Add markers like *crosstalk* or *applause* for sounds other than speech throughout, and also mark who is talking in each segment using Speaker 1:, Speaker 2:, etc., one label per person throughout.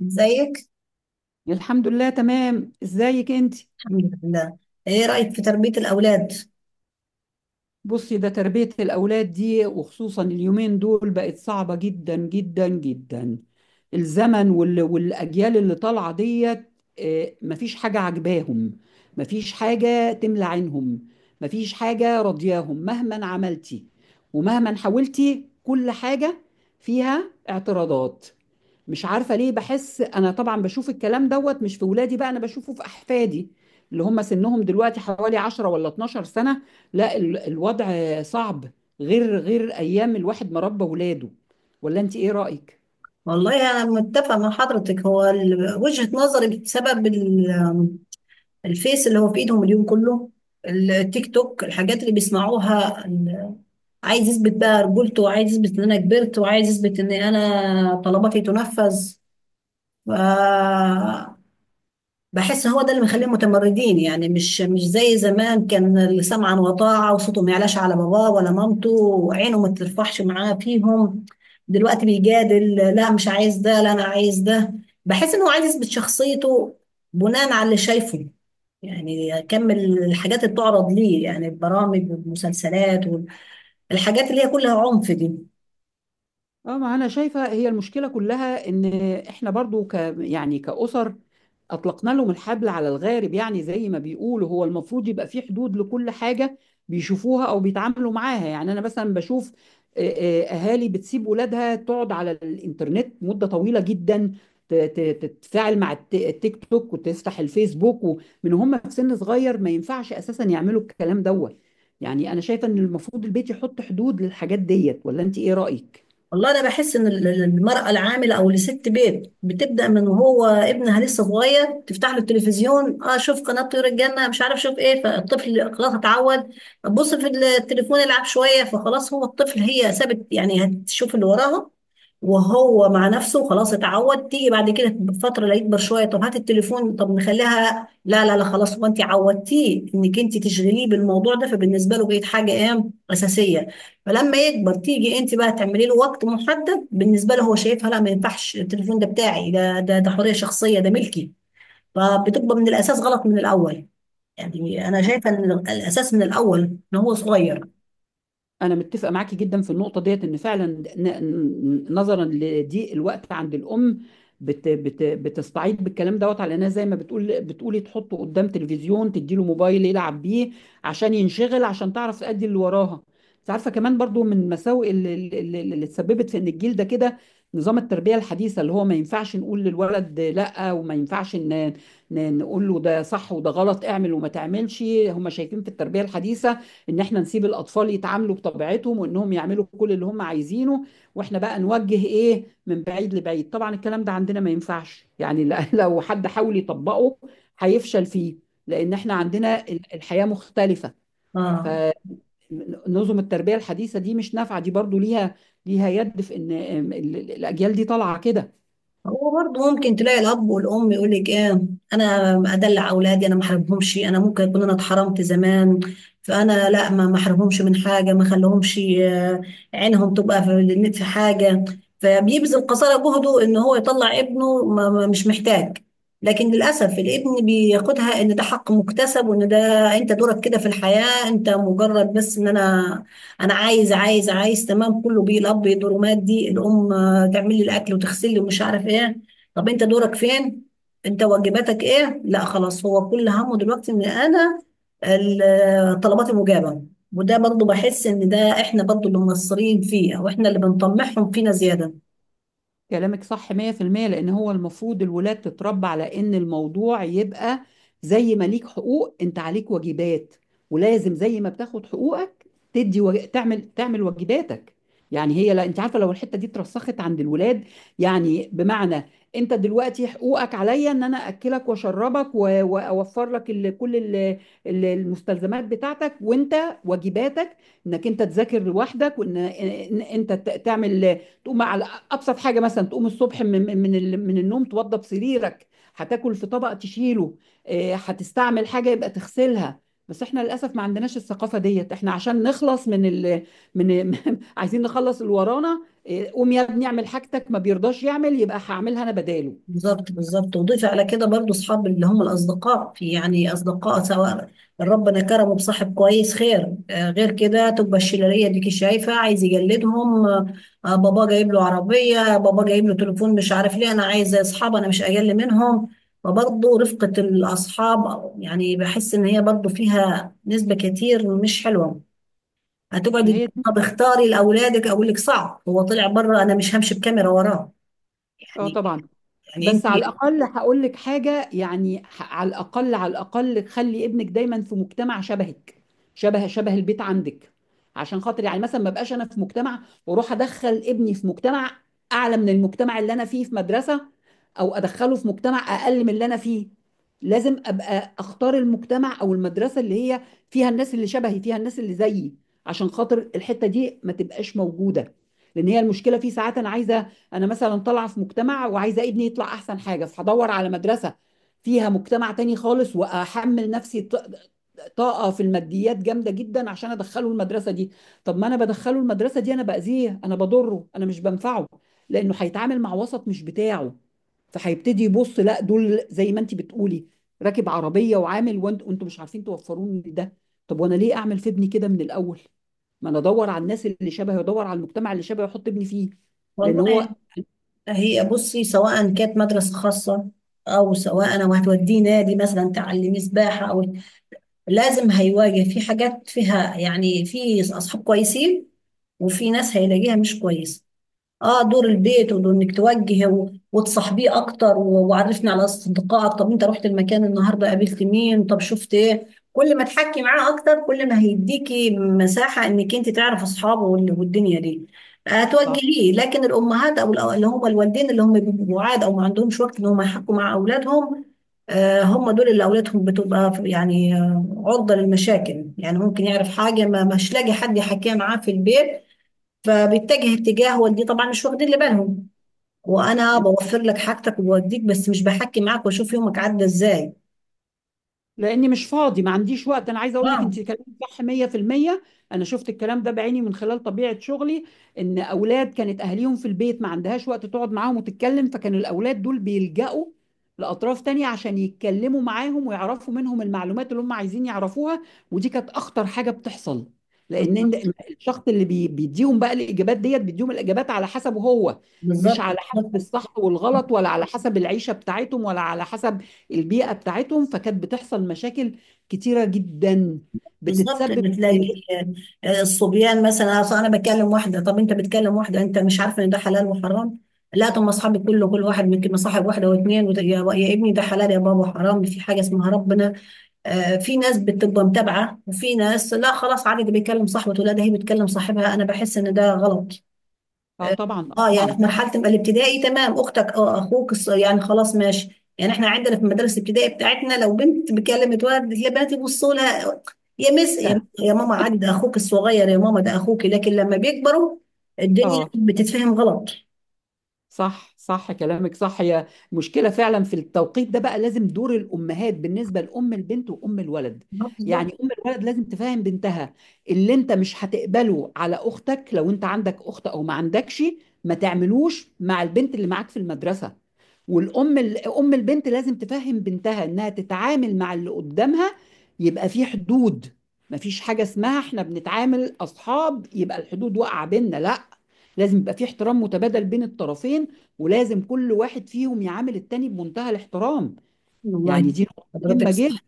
Speaker 1: زيك.
Speaker 2: الحمد لله تمام. ازيك انت؟
Speaker 1: الحمد لله. ايه رأيك في تربية الأولاد؟
Speaker 2: بصي، ده تربية الأولاد دي، وخصوصا اليومين دول، بقت صعبة جدا جدا جدا. الزمن والأجيال اللي طالعة ديت. مفيش حاجة عجباهم، مفيش حاجة تملى عينهم، مفيش حاجة راضياهم مهما عملتي ومهما حاولتي. كل حاجة فيها اعتراضات. مش عارفة ليه. بحس أنا طبعا بشوف الكلام دوت مش في ولادي، بقى أنا بشوفه في أحفادي اللي هم سنهم دلوقتي حوالي 10 ولا 12 سنة. لا، الوضع صعب، غير ايام الواحد ما ربى ولاده. ولا انت ايه رأيك؟
Speaker 1: والله أنا متفقة مع حضرتك. هو وجهة نظري بسبب الفيس اللي هو في إيدهم اليوم كله، التيك توك، الحاجات اللي بيسمعوها. عايز يثبت بقى رجولته، وعايز يثبت إن أنا كبرت، وعايز يثبت إن أنا طلباتي تنفذ. بحس هو ده اللي مخليهم متمردين، يعني مش زي زمان، كان اللي سمعا وطاعة وصوته ما يعلاش على باباه ولا مامته وعينه ما ترفعش معاه فيهم. دلوقتي بيجادل، لا مش عايز ده، لا انا عايز ده. بحس انه عايز يثبت شخصيته بناء على اللي شايفه، يعني يكمل الحاجات اللي بتعرض ليه، يعني البرامج والمسلسلات والحاجات اللي هي كلها عنف دي.
Speaker 2: اه، ما انا شايفه، هي المشكله كلها ان احنا برضو ك، يعني كاسر، اطلقنا لهم الحبل على الغارب. يعني زي ما بيقولوا، هو المفروض يبقى في حدود لكل حاجه بيشوفوها او بيتعاملوا معاها. يعني انا مثلا بشوف آه، اهالي بتسيب ولادها تقعد على الانترنت مده طويله جدا، تتفاعل مع التيك توك وتفتح الفيسبوك، ومن هم في سن صغير ما ينفعش اساسا يعملوا الكلام دوت. يعني انا شايفه ان المفروض البيت يحط حدود للحاجات ديت. ولا انت ايه رايك؟
Speaker 1: والله انا بحس ان المراه العامله او لست بيت بتبدا من وهو ابنها لسه صغير، تفتح له التلفزيون. اه، شوف قناه طيور الجنه، مش عارف شوف ايه. فالطفل خلاص اتعود. بص في التليفون يلعب شويه، فخلاص هو الطفل، هي سابت يعني هتشوف اللي وراها وهو مع نفسه، خلاص اتعود. تيجي بعد كده بفتره، لا يكبر شويه، طب هات التليفون، طب نخليها، لا لا لا خلاص. هو انت عودتيه انك انت تشغليه بالموضوع ده، فبالنسبه له بقت حاجه ايه؟ اساسيه. فلما يكبر تيجي انت بقى تعملي له وقت محدد، بالنسبه له هو شايفها لا ما ينفعش، التليفون ده بتاعي، ده حريه شخصيه، ده ملكي. فبتبقى من الاساس غلط من الاول. يعني انا شايفه ان الاساس من الاول ان هو صغير.
Speaker 2: أنا متفقة معاكي جدا في النقطة ديت. إن فعلا نظرا لضيق الوقت عند الأم، بت بت بتستعيض بالكلام دوت، على إنها زي ما بتقول، بتقولي تحطه قدام تلفزيون، تديله موبايل يلعب بيه عشان ينشغل، عشان تعرف تأدي اللي وراها. أنت عارفة كمان برضو من المساوئ اللي اتسببت في إن الجيل ده كده، نظام التربية الحديثة، اللي هو ما ينفعش نقول للولد لأ، وما ينفعش نقول له ده صح وده غلط، اعمل وما تعملش. هم شايفين في التربية الحديثة ان احنا نسيب الاطفال يتعاملوا بطبيعتهم، وانهم يعملوا كل اللي هم عايزينه، واحنا بقى نوجه ايه من بعيد لبعيد. طبعا الكلام ده عندنا ما ينفعش، يعني *laughs* لو حد حاول يطبقه هيفشل فيه، لان احنا عندنا الحياة مختلفة.
Speaker 1: اه.
Speaker 2: فنظم التربية الحديثة دي مش نافعة. دي برضو ليها، ليها يد في ان الاجيال دي طالعة كده.
Speaker 1: هو برضه ممكن تلاقي الاب والام يقول لك ايه؟ انا ادلع اولادي، انا ما حرمهمش، انا ممكن اكون انا اتحرمت زمان، فانا لا، ما احرمهمش من حاجه، ما خليهمش عينهم تبقى في حاجه. فبيبذل قصارى جهده ان هو يطلع ابنه مش محتاج. لكن للاسف الابن بياخدها ان ده حق مكتسب، وان ده انت دورك كده في الحياه، انت مجرد بس ان انا، انا عايز عايز عايز تمام كله بيه. الاب يدور مادي، الام تعمل لي الاكل وتغسل لي ومش عارف ايه. طب انت دورك فين؟ انت واجباتك ايه؟ لا خلاص، هو كل همه دلوقتي ان انا طلباتي مجابه. وده برضه بحس ان ده احنا برضه اللي مقصرين فيه، او احنا اللي بنطمعهم فينا زياده.
Speaker 2: كلامك صح 100%. لان هو المفروض الولاد تتربى على ان الموضوع يبقى زي ما ليك حقوق، انت عليك واجبات، ولازم زي ما بتاخد حقوقك تعمل واجباتك. يعني هي، لا انت عارفه، لو الحته دي اترسخت عند الولاد، يعني بمعنى، انت دلوقتي حقوقك عليا ان انا اكلك واشربك واوفر لك كل المستلزمات بتاعتك، وانت واجباتك انك انت تذاكر لوحدك، انت تعمل، تقوم على ابسط حاجه، مثلا تقوم الصبح من من النوم توضب سريرك، هتاكل في طبق تشيله، هتستعمل حاجه يبقى تغسلها. بس احنا للاسف ما عندناش الثقافه ديت. احنا عشان نخلص من من *laughs* عايزين نخلص اللي ورانا. قوم يا ابني اعمل حاجتك، ما بيرضاش يعمل، يبقى هعملها انا بداله.
Speaker 1: بالظبط بالظبط. وضيف على كده برضو اصحاب، اللي هم الاصدقاء، في يعني اصدقاء، سواء ربنا كرمه بصاحب كويس خير، غير كده تبقى الشلاليه ديكي شايفه عايز يجلدهم. بابا جايب له عربيه، بابا جايب له تليفون، مش عارف ليه، انا عايز اصحاب، انا مش اقل منهم. فبرضه رفقه الاصحاب يعني بحس ان هي برضه فيها نسبه كتير مش حلوه. هتقعدي
Speaker 2: ما
Speaker 1: تقولي
Speaker 2: هي دي.
Speaker 1: طب اختاري لاولادك، اقول لك صعب، هو طلع بره، انا مش همشي بكاميرا وراه.
Speaker 2: اه
Speaker 1: يعني.
Speaker 2: طبعا.
Speaker 1: يعني
Speaker 2: بس
Speaker 1: انت.
Speaker 2: على الأقل هقول لك حاجة، يعني على الأقل، على الأقل خلي ابنك دايما في مجتمع شبهك، شبه البيت عندك، عشان خاطر يعني مثلا، ما بقاش أنا في مجتمع وأروح أدخل ابني في مجتمع أعلى من المجتمع اللي أنا فيه في مدرسة، أو أدخله في مجتمع أقل من اللي أنا فيه. لازم أبقى أختار المجتمع أو المدرسة اللي هي فيها الناس اللي شبهي، فيها الناس اللي زيي، عشان خاطر الحتة دي ما تبقاش موجودة. لأن هي المشكلة في ساعات، أنا عايزة، انا مثلا طالعه في مجتمع، وعايزه ابني يطلع احسن حاجه، فهدور على مدرسه فيها مجتمع تاني خالص، واحمل نفسي طاقه في الماديات جامده جدا عشان ادخله المدرسه دي. طب ما انا بدخله المدرسه دي، انا باذيه، انا بضره، انا مش بنفعه، لانه هيتعامل مع وسط مش بتاعه. فهيبتدي يبص، لا دول زي ما انت بتقولي، راكب عربيه وعامل، وانتوا مش عارفين توفروني ده. طب وانا ليه اعمل في ابني كده من الاول؟ ما انا ادور على الناس اللي شبهي، وادور على المجتمع اللي شبهي، واحط ابني فيه، لان
Speaker 1: والله
Speaker 2: هو
Speaker 1: هي بصي، سواء كانت مدرسة خاصة أو سواء أنا وهتوديه نادي مثلا تعلمي سباحة، أو لازم هيواجه في حاجات فيها، يعني في أصحاب كويسين وفي ناس هيلاقيها مش كويسة. اه دور البيت، وانك توجه وتصاحبيه اكتر وعرفني على اصدقائك، طب انت رحت المكان النهارده قابلت مين، طب شفت ايه. كل ما تحكي معاه اكتر كل ما هيديكي مساحه انك انت تعرف اصحابه والدنيا دي
Speaker 2: صح.
Speaker 1: هتوجهيه. لكن الامهات او اللي هم الوالدين اللي هم بيبقوا بعاد او ما عندهمش وقت ان هم يحكوا مع اولادهم، هم دول اللي اولادهم بتبقى يعني عرضه للمشاكل، يعني ممكن يعرف حاجه ما مش لاقي حد يحكيها معاه في البيت فبيتجه اتجاه والدي طبعا مش واخدين اللي بالهم، وانا بوفر لك حاجتك وبوديك بس مش بحكي معاك واشوف يومك عدى ازاي.
Speaker 2: لاني مش فاضي ما عنديش وقت. انا عايزه اقول لك،
Speaker 1: اه
Speaker 2: انت كلامك صح 100%. انا شفت الكلام ده بعيني من خلال طبيعه شغلي، ان اولاد كانت اهاليهم في البيت ما عندهاش وقت تقعد معاهم وتتكلم، فكانوا الاولاد دول بيلجأوا لاطراف تانية عشان يتكلموا معاهم ويعرفوا منهم المعلومات اللي هم عايزين يعرفوها. ودي كانت اخطر حاجه بتحصل، لان
Speaker 1: بالظبط
Speaker 2: الشخص اللي بيديهم بقى الاجابات ديت، بيديهم الاجابات على حسبه هو، مش
Speaker 1: بالظبط.
Speaker 2: على حسب
Speaker 1: بالظبط
Speaker 2: الصح والغلط، ولا على حسب العيشه بتاعتهم، ولا على حسب البيئة بتاعتهم. فكانت بتحصل مشاكل كتيرة جدا
Speaker 1: بالظبط.
Speaker 2: بتتسبب.
Speaker 1: بتلاقي الصبيان مثلا، أصل انا بكلم واحده، طب انت بتكلم واحده، انت مش عارفه ان ده حلال وحرام؟ لا طب ما اصحابي كله كل واحد ممكن مصاحب واحده واثنين يا ابني ده حلال يا بابا، حرام، في حاجه اسمها ربنا. في ناس بتبقى متابعه، وفي ناس لا خلاص عادي ده بيكلم صاحبته، لا ده هي بتكلم صاحبها، انا بحس ان ده غلط.
Speaker 2: اه طبعا
Speaker 1: اه يعني
Speaker 2: طبعا.
Speaker 1: في مرحله ما الابتدائي تمام، اختك، اه اخوك يعني خلاص ماشي، يعني احنا عندنا في المدارس الابتدائي بتاعتنا لو بنت بكلمت ولد البنات يبصوا لها يا مس، يا ماما عادي ده اخوك الصغير يا ماما ده اخوك، لكن لما بيكبروا الدنيا
Speaker 2: اه،
Speaker 1: بتتفهم غلط.
Speaker 2: صح صح، كلامك صح. هي مشكلة فعلا في التوقيت ده. بقى لازم دور الأمهات بالنسبة لأم البنت وأم الولد.
Speaker 1: بالظبط.
Speaker 2: يعني أم الولد لازم تفهم بنتها، اللي أنت مش هتقبله على أختك، لو أنت عندك أخت أو ما عندكش، ما تعملوش مع البنت اللي معاك في المدرسة. والأم أم البنت لازم تفهم بنتها إنها تتعامل مع اللي قدامها، يبقى في حدود، مفيش حاجة اسمها احنا بنتعامل أصحاب يبقى الحدود واقعة بينا، لا، لازم يبقى في احترام متبادل بين الطرفين، ولازم كل واحد فيهم يعامل التاني بمنتهى الاحترام.
Speaker 1: والله
Speaker 2: يعني دي نقطة مهمة
Speaker 1: حضرتك
Speaker 2: جدا.
Speaker 1: صح.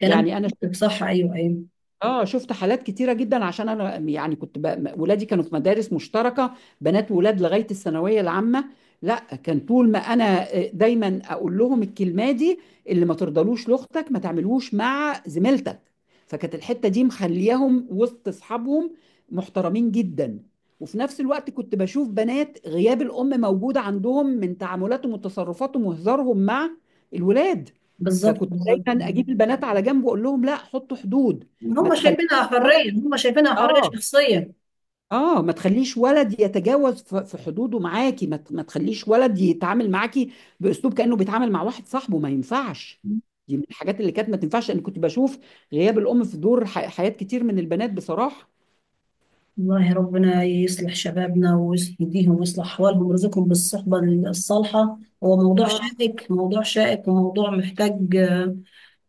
Speaker 1: كلام
Speaker 2: يعني أنا
Speaker 1: حضرتك صح. ايوه ايوه.
Speaker 2: اه شفت حالات كتيرة جدا، عشان انا يعني كنت ولادي كانوا في مدارس مشتركة بنات ولاد لغاية الثانوية العامة. لا، كان طول ما انا دايما اقول لهم الكلمة دي، اللي ما ترضلوش لاختك ما تعملوش مع زميلتك. فكانت الحتة دي مخلياهم وسط اصحابهم محترمين جدا. وفي نفس الوقت كنت بشوف بنات غياب الام موجود عندهم، من تعاملاتهم وتصرفاتهم وهزارهم مع الولاد.
Speaker 1: بالظبط
Speaker 2: فكنت
Speaker 1: بالظبط.
Speaker 2: دايما اجيب البنات على جنب واقول لهم لا، حطوا حدود، ما
Speaker 1: هم
Speaker 2: تخليش
Speaker 1: شايفينها
Speaker 2: ولد،
Speaker 1: حريه، هم شايفينها حريه
Speaker 2: اه،
Speaker 1: شخصيه.
Speaker 2: اه، ما تخليش ولد يتجاوز في حدوده معاكي، ما تخليش ولد يتعامل معاكي باسلوب كانه بيتعامل مع واحد صاحبه، ما ينفعش. دي من الحاجات اللي كانت ما تنفعش. انا كنت بشوف غياب الام في دور حياة كتير من البنات بصراحة.
Speaker 1: والله ربنا يصلح شبابنا ويهديهم ويصلح أحوالهم ويرزقهم بالصحبة الصالحة. هو موضوع
Speaker 2: يا رب.
Speaker 1: شائك، موضوع شائك، وموضوع محتاج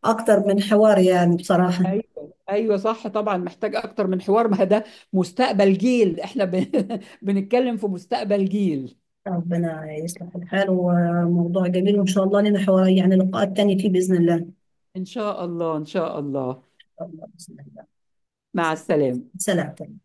Speaker 1: أكتر من حوار يعني بصراحة.
Speaker 2: ايوه ايوه، صح طبعا، محتاج اكتر من حوار. ما ده مستقبل جيل، احنا *laughs* بنتكلم في مستقبل جيل.
Speaker 1: ربنا يصلح الحال، وموضوع جميل، وإن شاء الله لنا حوار يعني لقاءات تانية فيه بإذن الله. إن
Speaker 2: ان شاء الله ان شاء الله.
Speaker 1: شاء الله. بإذن الله.
Speaker 2: مع السلامة.
Speaker 1: سلام.